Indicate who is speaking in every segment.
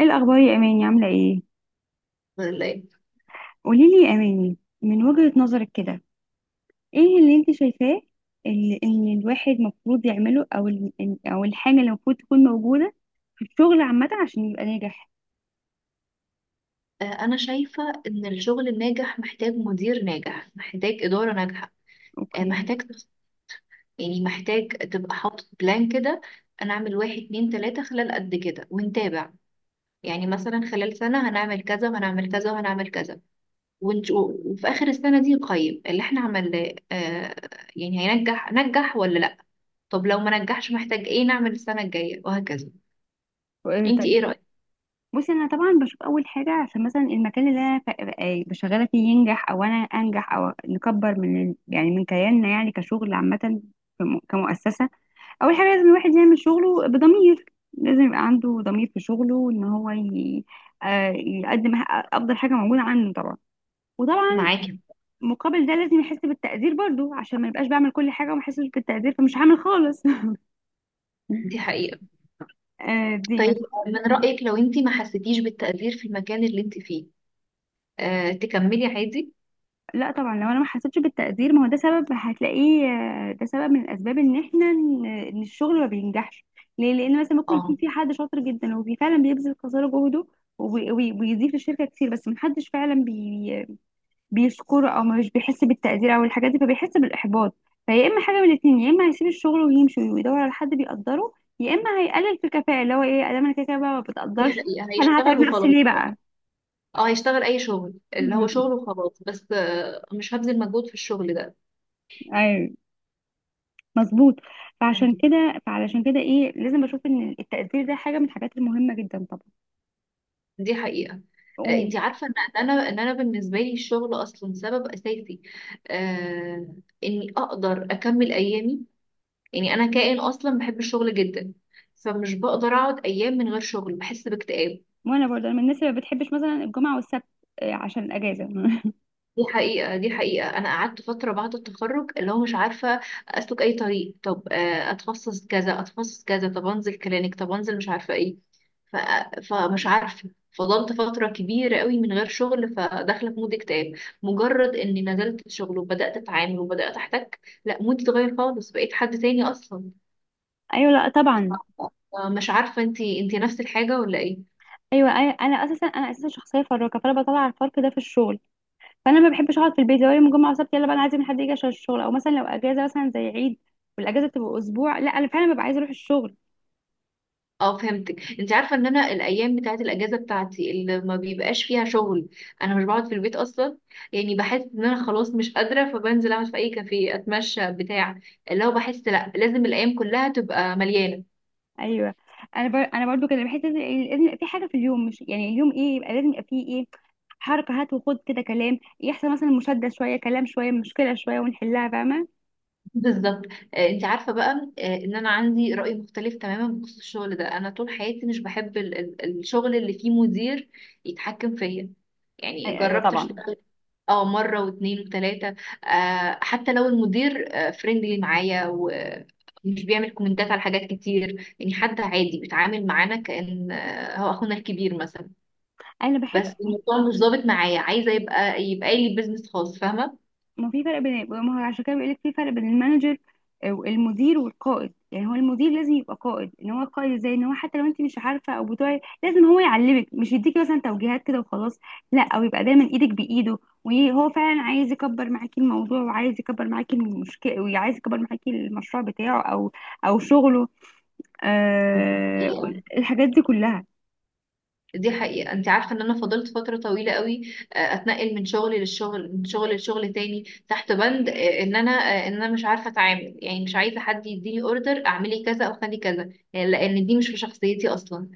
Speaker 1: ايه الاخبار يا اماني، عامله ايه؟
Speaker 2: ولا ايه.
Speaker 1: قولي لي يا اماني من وجهة نظرك كده، ايه اللي انت شايفاه، اللي ان الواحد المفروض يعمله، او او الحاجه اللي المفروض تكون موجوده في الشغل عامه عشان يبقى ناجح.
Speaker 2: انا شايفة ان الشغل الناجح محتاج مدير ناجح، محتاج إدارة ناجحة. آه،
Speaker 1: اوكي.
Speaker 2: محتاج تخ- يعني محتاج تبقى حاطط بلان كده. انا اعمل واحد اتنين تلاتة خلال قد كده ونتابع. يعني مثلا خلال سنة هنعمل كذا وهنعمل كذا وهنعمل كذا ونشوف، وفي آخر السنة دي نقيم اللي احنا عملناه. يعني هينجح ولا لا. طب لو ما نجحش محتاج ايه نعمل السنة الجاية، وهكذا.
Speaker 1: إيه،
Speaker 2: انتي ايه
Speaker 1: طيب.
Speaker 2: رأيك؟
Speaker 1: بصي انا طبعا بشوف اول حاجه، عشان مثلا المكان اللي بشغاله فيه ينجح، او انا انجح، او نكبر يعني من كياننا، يعني كشغل عامه، كمؤسسه. اول حاجه، لازم الواحد يعمل شغله بضمير. لازم يبقى عنده ضمير في شغله، يقدم افضل حاجه موجوده عنده طبعا. وطبعا،
Speaker 2: معاكي.
Speaker 1: مقابل ده لازم يحس بالتقدير برضو، عشان ما يبقاش بعمل كل حاجه وما يحسش بالتقدير فمش هعمل خالص.
Speaker 2: دي حقيقة.
Speaker 1: دي ما.
Speaker 2: طيب، من رأيك لو انت ما حسيتيش بالتقدير في المكان اللي انت فيه تكملي عادي؟
Speaker 1: لا طبعا، لو انا ما حسيتش بالتقدير، ما هو ده سبب هتلاقيه. ده سبب من الاسباب ان احنا ان إن الشغل ما بينجحش. ليه؟ لان مثلا ممكن يكون
Speaker 2: اه.
Speaker 1: في حد شاطر جدا وفي فعلا بيبذل قصارى جهده، وبيضيف للشركه كتير، بس ما حدش فعلا بيشكره، او مش بيحس بالتقدير، او الحاجات دي، فبيحس بالاحباط. فيا اما حاجه من الاتنين، يا اما هيسيب الشغل ويمشي ويدور على حد بيقدره، يا اما هيقلل في الكفاءه، اللي هو ايه، ادام انا كده كده بقى ما
Speaker 2: دي
Speaker 1: بتقدرش.
Speaker 2: حقيقة،
Speaker 1: انا هتعب
Speaker 2: هيشتغل
Speaker 1: نفسي
Speaker 2: وخلاص.
Speaker 1: ليه بقى؟
Speaker 2: اه، هيشتغل اي شغل، اللي هو
Speaker 1: مم.
Speaker 2: شغل وخلاص، بس مش هبذل مجهود في الشغل ده.
Speaker 1: ايوه. مظبوط. فعشان
Speaker 2: فهمتك.
Speaker 1: كده فعلشان كده ايه، لازم بشوف ان التقدير ده حاجه من الحاجات المهمه جدا طبعا.
Speaker 2: دي حقيقة.
Speaker 1: و-
Speaker 2: انت عارفة ان إن انا ان انا بالنسبة لي الشغل اصلا سبب اساسي، آه، اني اقدر اكمل ايامي. يعني انا كائن اصلا بحب الشغل جدا، فمش بقدر اقعد ايام من غير شغل، بحس باكتئاب.
Speaker 1: وانا برضه، من الناس اللي ما بتحبش مثلا الجمعه والسبت، عشان الاجازه.
Speaker 2: دي حقيقة. دي حقيقة. أنا قعدت فترة بعد التخرج اللي هو مش عارفة أسلك أي طريق. طب أتخصص كذا، أتخصص كذا، طب أنزل كلينيك، طب أنزل مش عارفة إيه. ف... فمش عارفة، فضلت فترة كبيرة قوي من غير شغل، فداخلة في مود اكتئاب. مجرد إني نزلت الشغل وبدأت أتعامل وبدأت أحتك، لا، مودي اتغير خالص، بقيت حد تاني أصلا.
Speaker 1: ايوه، لا طبعا.
Speaker 2: مش عارفة، أنتي نفس الحاجة ولا إيه؟
Speaker 1: ايوه، انا اساسا شخصيه فراكه، فانا بطلع الفرق ده في الشغل. فانا ما بحبش اقعد في البيت، لو يوم الجمعه وسبت يلا بقى انا عايزه من حد يجي عشان الشغل، او مثلا لو اجازه مثلا زي عيد والاجازه تبقى اسبوع، لا انا فعلا ببقى عايزه اروح الشغل.
Speaker 2: اه، فهمتك. انت عارفه ان انا الايام بتاعه الاجازه بتاعتي اللي ما بيبقاش فيها شغل، انا مش بقعد في البيت اصلا. يعني بحس ان انا خلاص مش قادره، فبنزل اقعد في اي كافيه، اتمشى، بتاع، اللي هو بحس لا لازم الايام كلها تبقى مليانه.
Speaker 1: ايوه. انا برضو كده بحس ان لازم يبقى في حاجه في اليوم، مش يعني اليوم ايه، يبقى لازم يبقى فيه ايه، حركه، هات وخد كده، كلام يحصل، مثلا مشاده شويه، كلام شويه، مشكله شويه ونحلها، فاهمه؟
Speaker 2: بالظبط. انت عارفه بقى ان انا عندي راي مختلف تماما بخصوص الشغل ده. انا طول حياتي مش بحب الشغل اللي فيه مدير يتحكم فيا. يعني
Speaker 1: ايوه
Speaker 2: جربت
Speaker 1: طبعا.
Speaker 2: اشتغل اه، مرة واتنين وتلاتة. حتى لو المدير فريندلي معايا ومش بيعمل كومنتات على حاجات كتير، يعني حد عادي بيتعامل معانا كأن هو أخونا الكبير مثلا،
Speaker 1: انا بحب.
Speaker 2: بس الموضوع مش ظابط معايا. عايزة يبقى لي بيزنس خاص، فاهمة.
Speaker 1: ما في فرق بين، ما هو عشان كده بيقول لك في فرق بين المانجر والمدير والقائد، يعني هو المدير لازم يبقى قائد، ان هو قائد ازاي، ان هو حتى لو انت مش عارفه او بتوعي لازم هو يعلمك، مش يديكي مثلا توجيهات كده وخلاص. لا، او يبقى دايما ايدك بايده، وهو فعلا عايز يكبر معاكي الموضوع، وعايز يكبر معاكي المشكله، وعايز يكبر معاكي المشروع بتاعه، او او شغله. آه.
Speaker 2: حقيقة.
Speaker 1: الحاجات دي كلها،
Speaker 2: دي حقيقة، انت عارفة ان انا فضلت فترة طويلة قوي اتنقل من شغل للشغل، من شغل لشغل تاني، تحت بند ان انا ان انا مش عارفة اتعامل. يعني مش عايزة حد يديني اوردر اعملي كذا او خلي كذا، يعني لان دي مش في شخصيتي اصلا.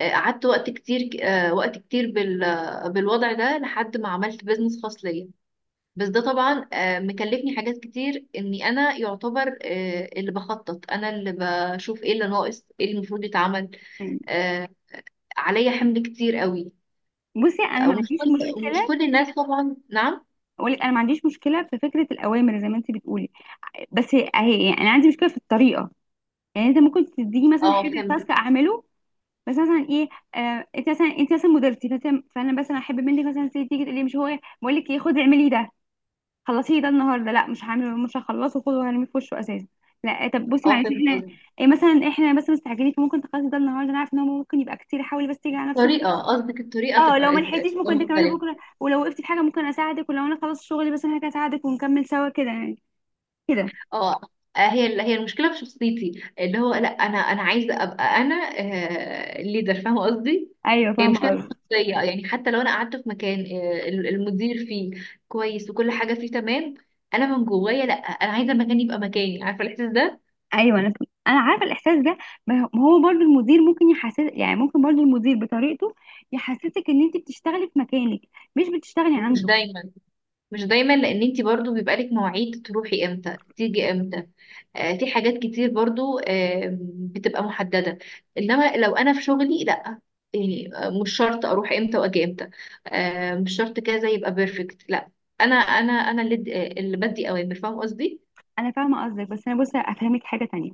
Speaker 2: قعدت وقت كتير، وقت كتير بالوضع ده، لحد ما عملت بيزنس خاص ليا. بس ده طبعا مكلفني حاجات كتير، اني انا يعتبر اللي بخطط انا اللي بشوف ايه اللي ناقص، ايه اللي المفروض يتعمل.
Speaker 1: يعني.
Speaker 2: آه، عليا حمل كتير قوي.
Speaker 1: بصي، انا
Speaker 2: آه،
Speaker 1: ما
Speaker 2: ومش
Speaker 1: عنديش
Speaker 2: كل ومش
Speaker 1: مشكله،
Speaker 2: كل الناس طبعا. نعم.
Speaker 1: اقول لك انا ما عنديش مشكله في فكره الاوامر زي ما انت بتقولي. بس يعني انا عندي مشكله في الطريقه. يعني انت ممكن تديني مثلا
Speaker 2: اه،
Speaker 1: حاجه،
Speaker 2: فهمت.
Speaker 1: تاسك اعمله، بس مثلا ايه، انت مثلا مديرتي، فانا مثلا احب منك مثلا تيجي تقول لي، مش هو بقول لك ايه خدي اعملي ده، خلصيه ده النهارده، لا مش هعمله مش هخلصه، خده وهرميه في وشه اساسا. لا. طب بصي
Speaker 2: اه،
Speaker 1: معلش،
Speaker 2: فهمت
Speaker 1: احنا
Speaker 2: قصدك.
Speaker 1: إيه مثلا، احنا بس مستعجلين فممكن تخلصي ده النهارده، انا عارفه ان هو ممكن يبقى كتير، حاولي بس تيجي على نفسك.
Speaker 2: الطريقة قصدك، الطريقة
Speaker 1: اه، لو
Speaker 2: تبقى آه،
Speaker 1: ما
Speaker 2: تبقى
Speaker 1: لحقتيش ممكن تكملي
Speaker 2: مختلفة.
Speaker 1: بكره، ولو وقفتي في حاجه ممكن اساعدك، ولو انا خلصت شغلي بس انا هساعدك ونكمل سوا كده يعني، كده.
Speaker 2: اه. هي المشكله في شخصيتي، اللي هو لا، انا عايزه ابقى انا الليدر، فاهمه قصدي.
Speaker 1: ايوه،
Speaker 2: هي
Speaker 1: فاهمه
Speaker 2: مشكله في
Speaker 1: قصدك.
Speaker 2: الشخصيه، يعني حتى لو انا قعدت في مكان المدير فيه كويس وكل حاجه فيه تمام، انا من جوايا لا، انا عايزه المكان يبقى مكاني، عارفه الاحساس ده.
Speaker 1: ايوه، انا عارفه الاحساس ده. ما هو برضو المدير ممكن يحسس، يعني ممكن برضو المدير بطريقته يحسسك ان انت بتشتغلي في مكانك، مش بتشتغلي
Speaker 2: مش
Speaker 1: عنده.
Speaker 2: دايما. مش دايما، لان انت برضو بيبقى لك مواعيد تروحي امتى، تيجي امتى. في حاجات كتير برضو بتبقى محددة. انما لو انا في شغلي لا، يعني مش شرط اروح امتى واجي امتى، مش شرط كذا يبقى بيرفكت. لا، انا اللي اللي بدي اوامر، فاهم قصدي.
Speaker 1: انا فاهمه قصدك بس انا بصي افهمك حاجه تانية.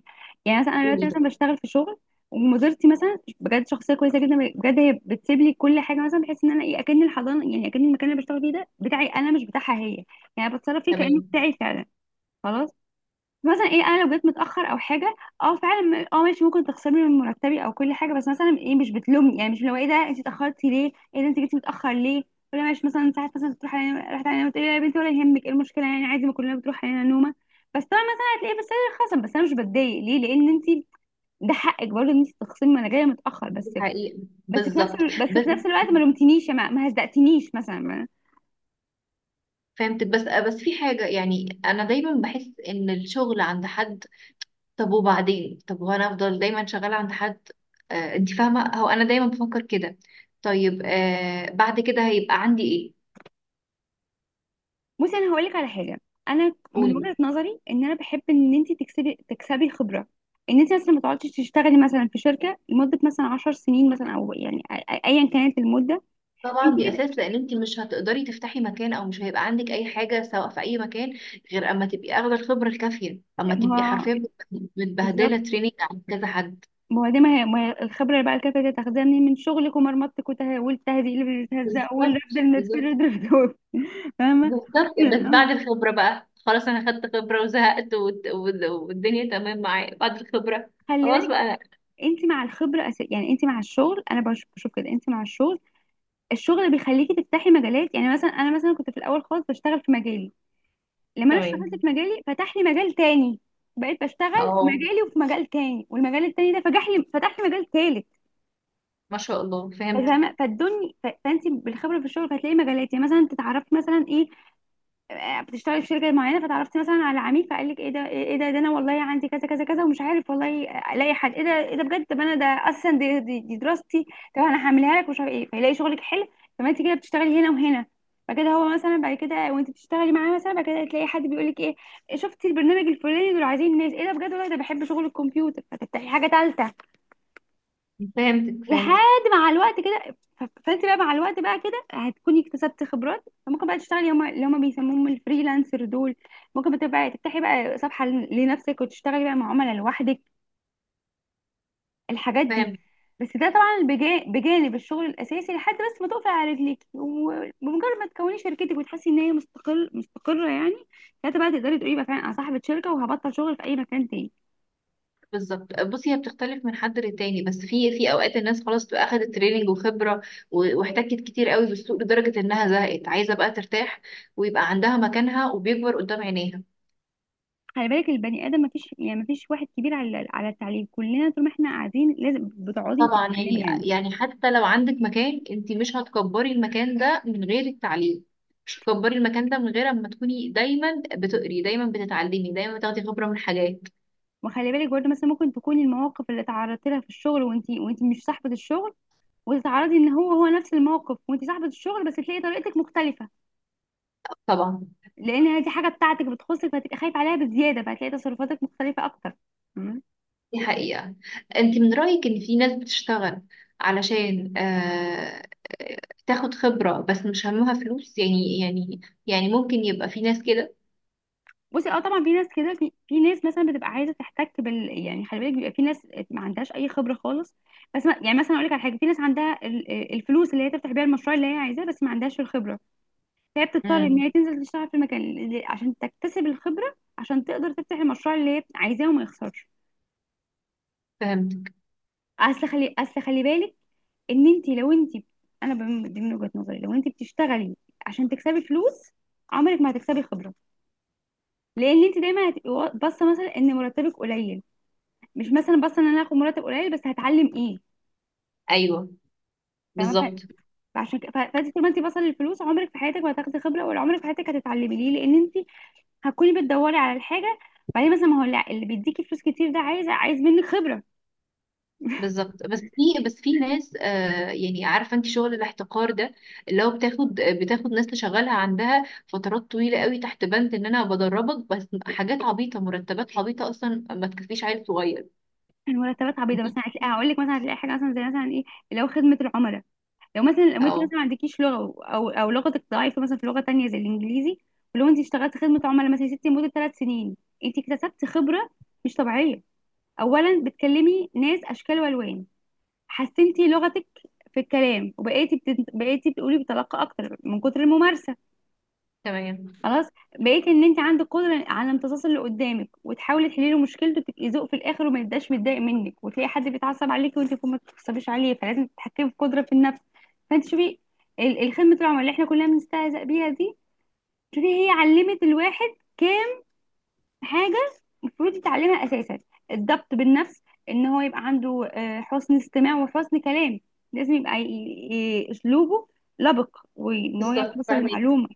Speaker 1: يعني مثلا انا دلوقتي
Speaker 2: قولي ده.
Speaker 1: مثلا بشتغل في شغل، ومديرتي مثلا بجد شخصيه كويسه جدا، بجد هي بتسيب لي كل حاجه مثلا، بحيث ان انا ايه اكن الحضانه، يعني اكن المكان اللي بشتغل فيه ده بتاعي انا مش بتاعها هي. يعني بتصرف فيه كانه
Speaker 2: تمام.
Speaker 1: بتاعي فعلا. خلاص. مثلا ايه، انا لو جيت متاخر او حاجه، اه فعلا ماشي، ممكن تخسرني من مرتبي او كل حاجه، بس مثلا ايه مش بتلومني، يعني مش لو ايه ده انت اتاخرتي ليه، ايه ده انت جيتي متاخر ليه. ولا ماشي، مثلا ساعات مثلا بتروح علينا، رحت علينا بتقولي يا بنتي ولا يهمك، ايه المشكله يعني عادي، ما كلنا بتروح علينا نومه. بس طبعا مثلا هتلاقيه، بس انا خصم، بس انا مش بتضايق، ليه لان انت ده حقك برضه ان انت تخصمي، ما انا جايه متاخر
Speaker 2: دي
Speaker 1: بس.
Speaker 2: حقيقة. بالظبط.
Speaker 1: بس
Speaker 2: بس
Speaker 1: في نفس الوقت ما لومتنيش يا ما، ما هزقتنيش مثلا.
Speaker 2: فهمت. بس في حاجة، يعني انا دايما بحس ان الشغل عند حد. طب وبعدين، طب وانا افضل دايما شغاله عند حد؟ انت فاهمه، هو انا دايما بفكر كده. طيب بعد كده هيبقى عندي ايه.
Speaker 1: بصي، انا هقول لك على حاجه. انا من
Speaker 2: قولي.
Speaker 1: وجهه نظري ان انا بحب ان انت تكسبي خبره، ان انت مثلا ما تقعديش تشتغلي مثلا في شركه لمده مثلا 10 سنين مثلا، او يعني ايا كانت المده. انت
Speaker 2: طبعا دي
Speaker 1: كده.
Speaker 2: اساس، لان انت مش هتقدري تفتحي مكان، او مش هيبقى عندك اي حاجه سواء في اي مكان، غير اما تبقي اخده الخبره الكافيه، اما تبقي
Speaker 1: ما هو،
Speaker 2: حرفيا
Speaker 1: بالظبط.
Speaker 2: متبهدله، تريننج عند كذا حد.
Speaker 1: ما هو دي ما هي ما هي الخبره اللي بعد كده تقدري تاخديها منين، من شغلك ومرمطتك، والتهزيق اللي بتتهزق،
Speaker 2: بالظبط.
Speaker 1: والرفض اللي
Speaker 2: بالظبط.
Speaker 1: بتترفض، فاهمه؟
Speaker 2: بالظبط. بس
Speaker 1: آه.
Speaker 2: بعد الخبره بقى خلاص، انا خدت خبره وزهقت، والدنيا تمام معايا بعد الخبره.
Speaker 1: خلي
Speaker 2: خلاص
Speaker 1: بالك.
Speaker 2: بقى.
Speaker 1: انت مع الخبره أس... يعني انت مع الشغل، انا بشوف كده انت مع الشغل. الشغل بيخليكي تفتحي مجالات، يعني مثلا انا مثلا كنت في الاول خالص بشتغل في مجالي، لما انا اشتغلت
Speaker 2: تمام.
Speaker 1: في مجالي فتح لي مجال تاني. بقيت بشتغل في
Speaker 2: اه.
Speaker 1: مجالي وفي مجال تاني، والمجال التاني ده فتح لي مجال تالت.
Speaker 2: ما شاء الله، فهمتك.
Speaker 1: فاهمه؟ فالدنيا، فانت بالخبره في الشغل هتلاقي مجالات، يعني مثلا تتعرفي مثلا ايه، بتشتغلي في شركه معينه فتعرفتي مثلا على عميل، فقال لك ايه ده ايه إيه ده إيه ده انا والله عندي كذا كذا كذا ومش عارف والله، الاقي حد، ايه ده بجد، طب انا ده اساسا دي دراستي، طب انا هعملها لك ومش عارف ايه، فيلاقي شغلك حلو. فما انت كده بتشتغلي هنا وهنا، فكده هو مثلا بعد كده وانت بتشتغلي معاه، مثلا بعد كده تلاقي حد بيقول لك ايه، شفتي البرنامج الفلاني، دول عايزين ناس، ايه ده بجد والله ده بحب شغل الكمبيوتر، فتفتحي حاجه ثالثه،
Speaker 2: فهمتك. فهمتك.
Speaker 1: لحد مع الوقت كده. فانت بقى مع الوقت بقى كده هتكوني اكتسبت خبرات، فممكن بقى تشتغلي اللي هم بيسموهم الفريلانسر دول، ممكن بقى تفتحي بقى صفحة لنفسك، وتشتغلي بقى مع عملاء لوحدك، الحاجات دي.
Speaker 2: فهمتك.
Speaker 1: بس ده طبعا بجانب الشغل الاساسي، لحد بس ما تقفي على رجليك، وبمجرد ما تكوني شركتك وتحسي ان هي مستقره يعني، ساعتها بقى تقدري تقولي بقى فعلا انا صاحبه شركه وهبطل شغل في اي مكان تاني.
Speaker 2: بالظبط. بصي، هي بتختلف من حد للتاني، بس في اوقات الناس خلاص بتبقى اخدت تريننج وخبره واحتكت كتير قوي بالسوق لدرجه انها زهقت، عايزه بقى ترتاح، ويبقى عندها مكانها وبيكبر قدام عينيها.
Speaker 1: خلي بالك البني ادم، مفيش واحد كبير على التعليم، كلنا طول ما احنا قاعدين لازم بتقعدي
Speaker 2: طبعا.
Speaker 1: تتعلمي
Speaker 2: يعني
Speaker 1: يعني.
Speaker 2: يعني حتى لو عندك مكان، انت مش هتكبري المكان ده من غير التعليم. مش هتكبري المكان ده من غير اما تكوني دايما بتقري، دايما بتتعلمي، دايما بتاخدي خبره من حاجات.
Speaker 1: وخلي بالك برضه، مثلا ممكن تكوني المواقف اللي تعرضتي لها في الشغل وانت مش صاحبة الشغل، وتتعرضي ان هو هو نفس الموقف وانت صاحبة الشغل، بس تلاقي طريقتك مختلفة،
Speaker 2: طبعا.
Speaker 1: لان هذه حاجة بتاعتك بتخصك، فهتبقي خايفة عليها بزيادة، فهتلاقي تصرفاتك مختلفة اكتر.
Speaker 2: دي حقيقة. انت من رأيك ان في ناس بتشتغل علشان تاخد خبرة بس مش همها فلوس، يعني يعني ممكن يبقى في ناس كده.
Speaker 1: بصي، اه طبعا في ناس كده، في ناس مثلا بتبقى عايزه تحتك بال، يعني خلي بالك بيبقى في ناس ما عندهاش اي خبره خالص، بس ما يعني مثلا اقول لك على حاجه، في ناس عندها الفلوس اللي هي تفتح بيها المشروع اللي هي عايزاه، بس ما عندهاش الخبره، فهي بتضطر ان
Speaker 2: امم.
Speaker 1: هي تنزل تشتغل في عشان تكتسب الخبره، عشان تقدر تفتح المشروع اللي هي عايزاه وما يخسرش.
Speaker 2: فهمتك.
Speaker 1: اصل خلي بالك ان انت، دي من وجهه نظري، لو انت بتشتغلي عشان تكسبي فلوس، عمرك ما هتكسبي خبره، لان انت دايما هتبقي باصه مثلا ان مرتبك قليل، مش مثلا بس ان انا هاخد مرتب قليل بس هتعلم ايه،
Speaker 2: ايوه.
Speaker 1: فاهمه؟
Speaker 2: بالظبط.
Speaker 1: فعشان كده فانت طول ما انت بصل للفلوس عمرك في حياتك ما هتاخدي خبره، ولا عمرك في حياتك هتتعلمي، ليه، لان انت هتكوني بتدوري على الحاجه، بعدين مثلا ما هو لا، اللي بيديكي فلوس كتير ده عايز منك خبره.
Speaker 2: بالظبط. بس في ناس يعني عارفة، انت شغل الاحتقار ده اللي هو بتاخد، بتاخد ناس تشغلها عندها فترات طويلة قوي تحت بند ان انا بدربك، بس حاجات عبيطة، مرتبات عبيطة اصلا ما تكفيش عيل صغير.
Speaker 1: المرتبات عبيطه،
Speaker 2: دي.
Speaker 1: مثلا هتلاقي، هقول لك مثلا هتلاقي حاجه مثلا زي مثلا ايه، اللي هو خدمه العملاء. لو مثلا، لو انت مثلا
Speaker 2: اه.
Speaker 1: ما عندكيش لغه، او لغتك ضعيفه مثلا في لغه تانية زي الانجليزي، ولو انت اشتغلت خدمه عملاء مثلا يا ستي لمده 3 سنين، انت اكتسبت خبره مش طبيعيه. اولا، بتكلمي ناس اشكال والوان، حسنتي لغتك في الكلام، بقيتي بتقولي بطلاقة اكتر من كتر الممارسة.
Speaker 2: تمام.
Speaker 1: خلاص، بقيتي ان انت عندك قدرة على امتصاص اللي قدامك، وتحاولي تحلي له مشكلته، وتبقي ذوق في الاخر وما يبقاش متضايق منك، وتلاقي حد بيتعصب عليك وانت يكون ما بتتعصبيش عليه، فلازم تتحكمي في قدرة في النفس. فانت شوفي، الخدمة العملاء اللي احنا كلنا بنستهزأ بيها دي، شوفي هي علمت الواحد حاجة المفروض يتعلمها أساسا، الضبط بالنفس، إن هو يبقى عنده، حسن استماع وحسن كلام، لازم يبقى أسلوبه لبق، وإن هو يعرف
Speaker 2: بالظبط،
Speaker 1: يوصل
Speaker 2: فاهمك. ان
Speaker 1: المعلومة.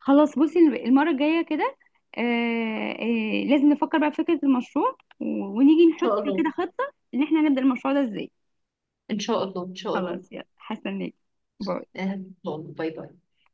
Speaker 1: خلاص بصي، المرة الجاية كده لازم نفكر بقى في فكرة المشروع، ونيجي نحط
Speaker 2: شاء الله.
Speaker 1: كده خطة، إن إحنا هنبدأ المشروع ده إزاي.
Speaker 2: ان شاء الله. ان شاء الله.
Speaker 1: خلاص، يلا هستناك، باي.
Speaker 2: ان شاء الله. باي باي.